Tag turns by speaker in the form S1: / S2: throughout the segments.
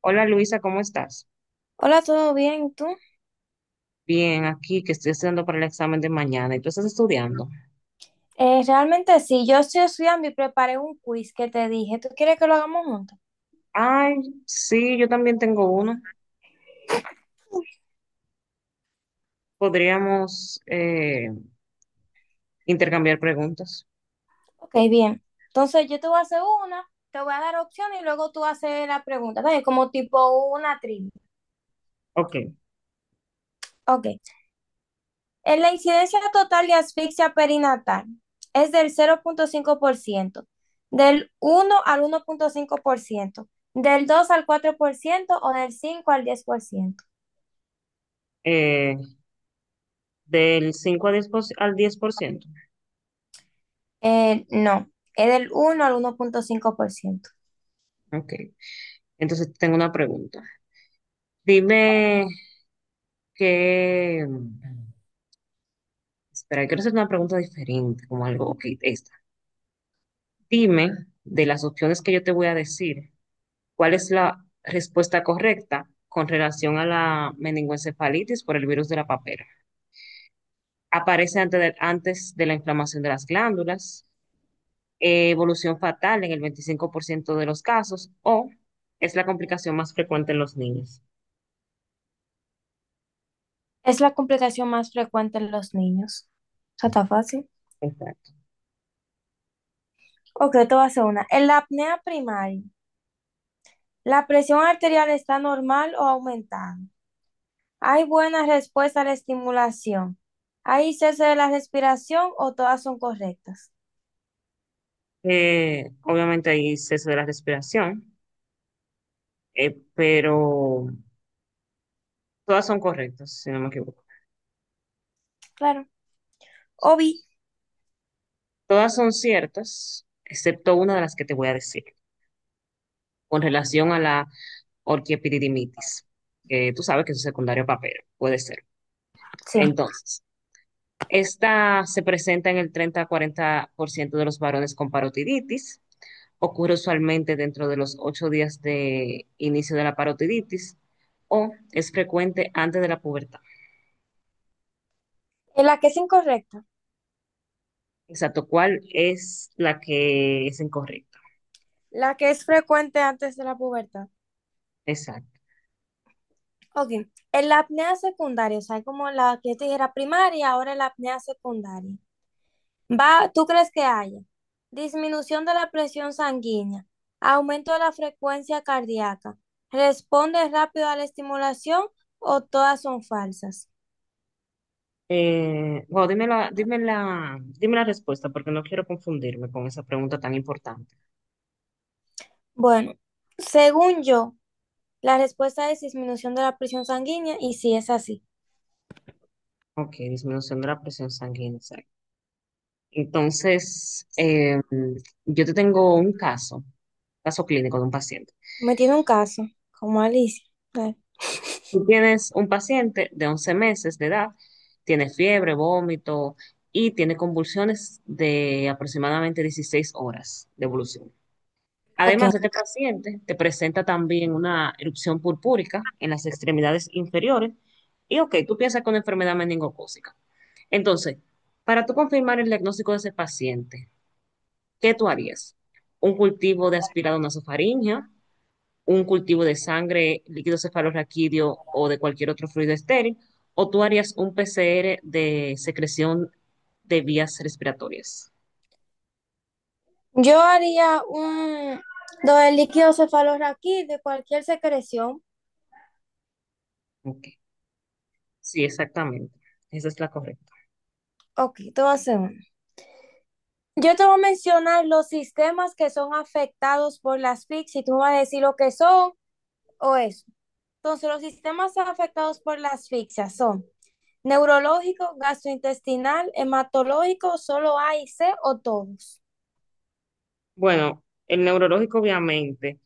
S1: Hola Luisa, ¿cómo estás?
S2: Hola, ¿todo bien? ¿Tú?
S1: Bien, aquí que estoy estudiando para el examen de mañana. ¿Y tú estás estudiando?
S2: Realmente sí, yo estoy estudiando y preparé un quiz que te dije. ¿Tú quieres que lo hagamos juntos?
S1: Ay, sí, yo también tengo uno. Podríamos intercambiar preguntas.
S2: Ok, bien. Entonces yo te voy a hacer una, te voy a dar opciones y luego tú haces la pregunta, ¿vale? Como tipo una trivia.
S1: Ok.
S2: Ok. ¿En la incidencia total de asfixia perinatal es del 0.5%, del 1 al 1.5%, del 2 al 4% o del 5 al 10%?
S1: eh, del 5 a 10 por- al 10%.
S2: No, es del 1 al 1.5%.
S1: Ok. Entonces tengo una pregunta. Dime que... Espera, quiero hacer una pregunta diferente, Ok, esta. Dime de las opciones que yo te voy a decir. ¿Cuál es la respuesta correcta con relación a la meningoencefalitis por el virus de la papera? Aparece antes de la inflamación de las glándulas, evolución fatal en el 25% de los casos o es la complicación más frecuente en los niños.
S2: Es la complicación más frecuente en los niños. Eso está fácil.
S1: Exacto.
S2: Ok, te voy a hacer una. En la apnea primaria, ¿la presión arterial está normal o aumentada? ¿Hay buena respuesta a la estimulación? ¿Hay cese de la respiración o todas son correctas?
S1: Obviamente hay cese de la respiración, pero todas son correctas, si no me equivoco.
S2: Claro.
S1: Sí.
S2: Obi,
S1: Todas son ciertas, excepto una de las que te voy a decir. Con relación a la orquiepididimitis, que tú sabes que es un secundario a papero, puede ser.
S2: sí.
S1: Entonces, esta se presenta en el 30-40% de los varones con parotiditis, ocurre usualmente dentro de los 8 días de inicio de la parotiditis o es frecuente antes de la pubertad.
S2: ¿En la que es incorrecta?
S1: Exacto, ¿cuál es la que es incorrecta?
S2: La que es frecuente antes de la pubertad.
S1: Exacto.
S2: Ok, en la apnea secundaria, o sea, como la que yo te dije era primaria, ahora es la apnea secundaria. Va, ¿tú crees que haya? Disminución de la presión sanguínea, aumento de la frecuencia cardíaca, responde rápido a la estimulación o todas son falsas.
S1: Bueno, dime la respuesta porque no quiero confundirme con esa pregunta tan importante.
S2: Bueno, según yo, la respuesta es disminución de la presión sanguínea y si es así.
S1: Ok, disminución de la presión sanguínea. Exacto. Entonces, yo te tengo un caso, caso clínico de un paciente.
S2: Me tiene un caso, como Alicia. Eh,
S1: Tú tienes un paciente de 11 meses de edad, tiene fiebre, vómito y tiene convulsiones de aproximadamente 16 horas de evolución.
S2: Ok,
S1: Además, este paciente te presenta también una erupción purpúrica en las extremidades inferiores y, ok, tú piensas con enfermedad meningocócica. Entonces, para tú confirmar el diagnóstico de ese paciente, ¿qué tú harías? ¿Un cultivo de aspirado nasofaringea? ¿Un cultivo de sangre, líquido cefalorraquídeo o de cualquier otro fluido estéril? ¿O tú harías un PCR de secreción de vías respiratorias?
S2: yo haría un... Lo del líquido cefalorraquí de cualquier secreción.
S1: Ok. Sí, exactamente. Esa es la correcta.
S2: Ok, te voy a hacer uno. Yo te voy a mencionar los sistemas que son afectados por las asfixia y tú me vas a decir lo que son o eso. Entonces, los sistemas afectados por la asfixia son neurológico, gastrointestinal, hematológico, solo A y C o todos.
S1: Bueno, el neurológico obviamente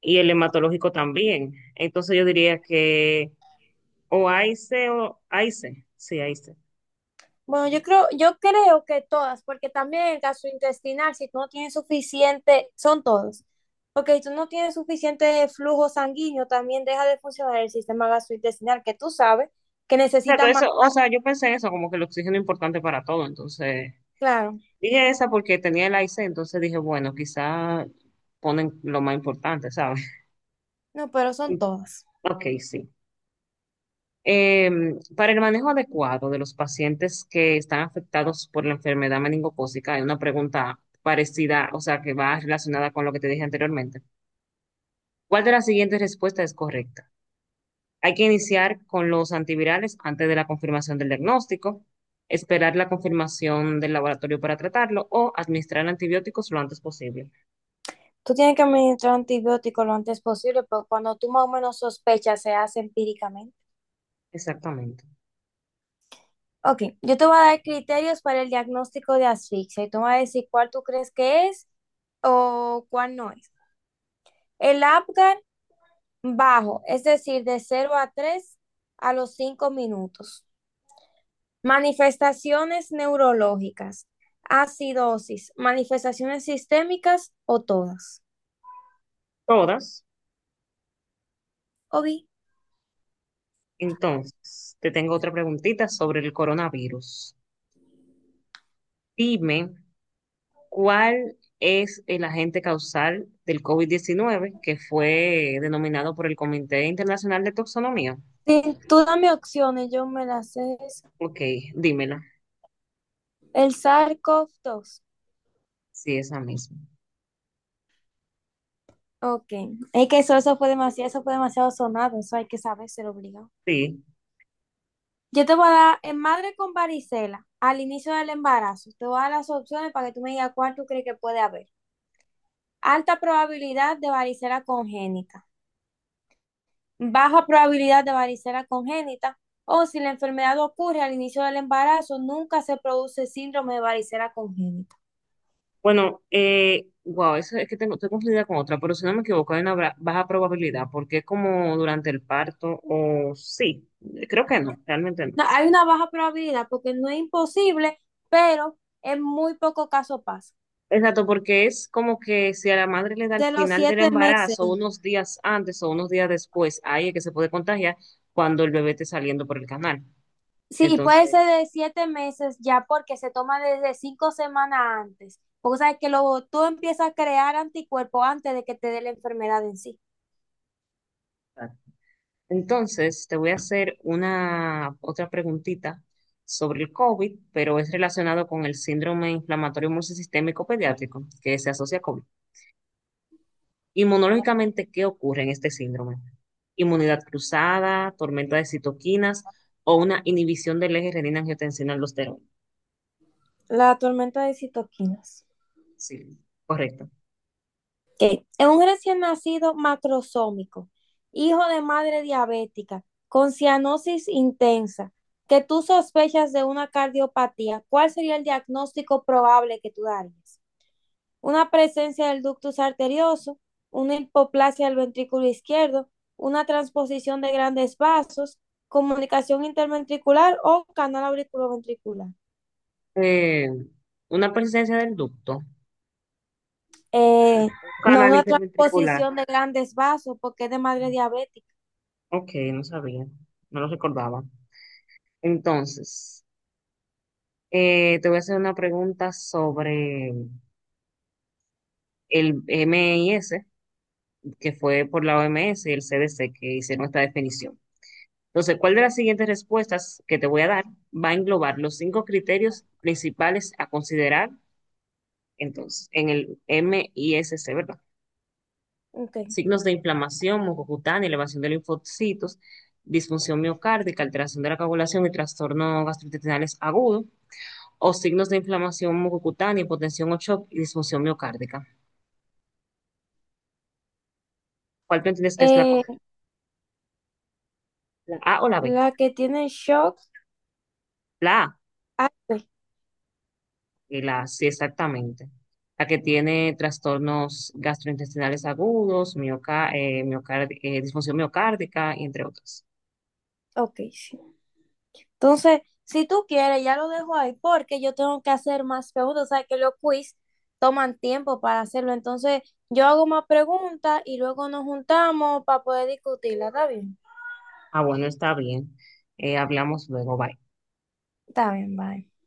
S1: y el hematológico también. Entonces yo diría que o AIC o AIC, sí, AIC.
S2: Bueno, yo creo que todas, porque también el gastrointestinal, si tú no tienes suficiente, son todos. Porque si tú no tienes suficiente flujo sanguíneo, también deja de funcionar el sistema gastrointestinal, que tú sabes que
S1: Exacto,
S2: necesita más.
S1: eso, o sea, yo pensé en eso, como que el oxígeno es importante para todo, entonces
S2: Claro,
S1: dije esa porque tenía el IC, entonces dije, bueno, quizá ponen lo más importante, ¿sabes?
S2: no, pero son todas.
S1: Ok, sí. Eh, para el manejo adecuado de los pacientes que están afectados por la enfermedad meningocócica, hay una pregunta parecida, o sea, que va relacionada con lo que te dije anteriormente. ¿Cuál de las siguientes respuestas es correcta? Hay que iniciar con los antivirales antes de la confirmación del diagnóstico, esperar la confirmación del laboratorio para tratarlo o administrar antibióticos lo antes posible.
S2: Tú tienes que administrar antibióticos lo antes posible, pero cuando tú más o menos sospechas, se hace empíricamente.
S1: Exactamente.
S2: Ok, yo te voy a dar criterios para el diagnóstico de asfixia y tú me vas a decir cuál tú crees que es o cuál no es. El Apgar bajo, es decir, de 0 a 3 a los 5 minutos. Manifestaciones neurológicas, acidosis, manifestaciones sistémicas o todas.
S1: Todas.
S2: Obi,
S1: Entonces, te tengo otra preguntita sobre el coronavirus. Dime, ¿cuál es el agente causal del COVID diecinueve que fue denominado por el Comité Internacional de Toxonomía?
S2: sí, tú dame opciones, yo me las sé.
S1: Ok, dímela.
S2: El Sarkov 2.
S1: Sí, esa misma.
S2: Ok. Es que eso fue demasiado, eso fue demasiado sonado. Eso hay que saber, se lo obligado.
S1: Sí.
S2: Yo te voy a dar en madre con varicela al inicio del embarazo. Te voy a dar las opciones para que tú me digas cuál tú crees que puede haber. Alta probabilidad de varicela congénita, baja probabilidad de varicela congénita, o si la enfermedad ocurre al inicio del embarazo, nunca se produce síndrome de varicela congénita.
S1: Bueno, wow, eso es que tengo, estoy confundida con otra, pero si no me equivoco, hay una baja probabilidad, porque es como durante el parto, o sí, creo que no, realmente no.
S2: No, hay una baja probabilidad porque no es imposible, pero en muy poco caso pasa.
S1: Exacto, porque es como que si a la madre le da al
S2: De los
S1: final del
S2: 7 meses.
S1: embarazo, unos días antes o unos días después, ahí es que se puede contagiar cuando el bebé esté saliendo por el canal.
S2: Sí, puede
S1: Entonces.
S2: ser de 7 meses ya porque se toma desde 5 semanas antes. Porque sabes que lo, tú empiezas a crear anticuerpos antes de que te dé la enfermedad en sí.
S1: Exacto. Entonces te voy a hacer una otra preguntita sobre el COVID, pero es relacionado con el síndrome inflamatorio multisistémico pediátrico que se asocia a COVID. Inmunológicamente, ¿qué ocurre en este síndrome? Inmunidad cruzada, tormenta de citoquinas o una inhibición del eje renina-angiotensina-aldosterona.
S2: La tormenta de citoquinas.
S1: Sí, correcto.
S2: Ok. Es un recién nacido macrosómico, hijo de madre diabética, con cianosis intensa, que tú sospechas de una cardiopatía. ¿Cuál sería el diagnóstico probable que tú darías? Una presencia del ductus arterioso, una hipoplasia del ventrículo izquierdo, una transposición de grandes vasos, comunicación interventricular o canal auriculoventricular.
S1: Eh, una presencia del ducto,
S2: Eh, no,
S1: canal
S2: una
S1: interventricular.
S2: transposición de grandes vasos porque es de madre diabética.
S1: Ok, no sabía, no lo recordaba. Entonces, te voy a hacer una pregunta sobre el MIS, que fue por la OMS y el CDC que hicieron esta definición. Entonces, ¿cuál de las siguientes respuestas que te voy a dar va a englobar los cinco criterios principales a considerar entonces en el MISC, ¿verdad?
S2: Okay.
S1: Signos de inflamación, mucocutánea, elevación de linfocitos, disfunción miocárdica, alteración de la coagulación y trastorno gastrointestinales agudo, o signos de inflamación mucocutánea, hipotensión o shock y disfunción miocárdica. ¿Cuál tú entiendes que es la
S2: Eh,
S1: correcta? ¿La A o la B?
S2: la que tiene shock.
S1: La A
S2: Ah, ok,
S1: y la A, sí, exactamente. La que tiene trastornos gastrointestinales agudos, disfunción miocárdica, entre otros.
S2: ok, sí. Entonces, si tú quieres, ya lo dejo ahí porque yo tengo que hacer más preguntas. O sea, que los quiz toman tiempo para hacerlo. Entonces, yo hago más preguntas y luego nos juntamos para poder discutirla. ¿Está bien?
S1: Ah, bueno, está bien. Hablamos luego. Bye.
S2: Está bien, bye.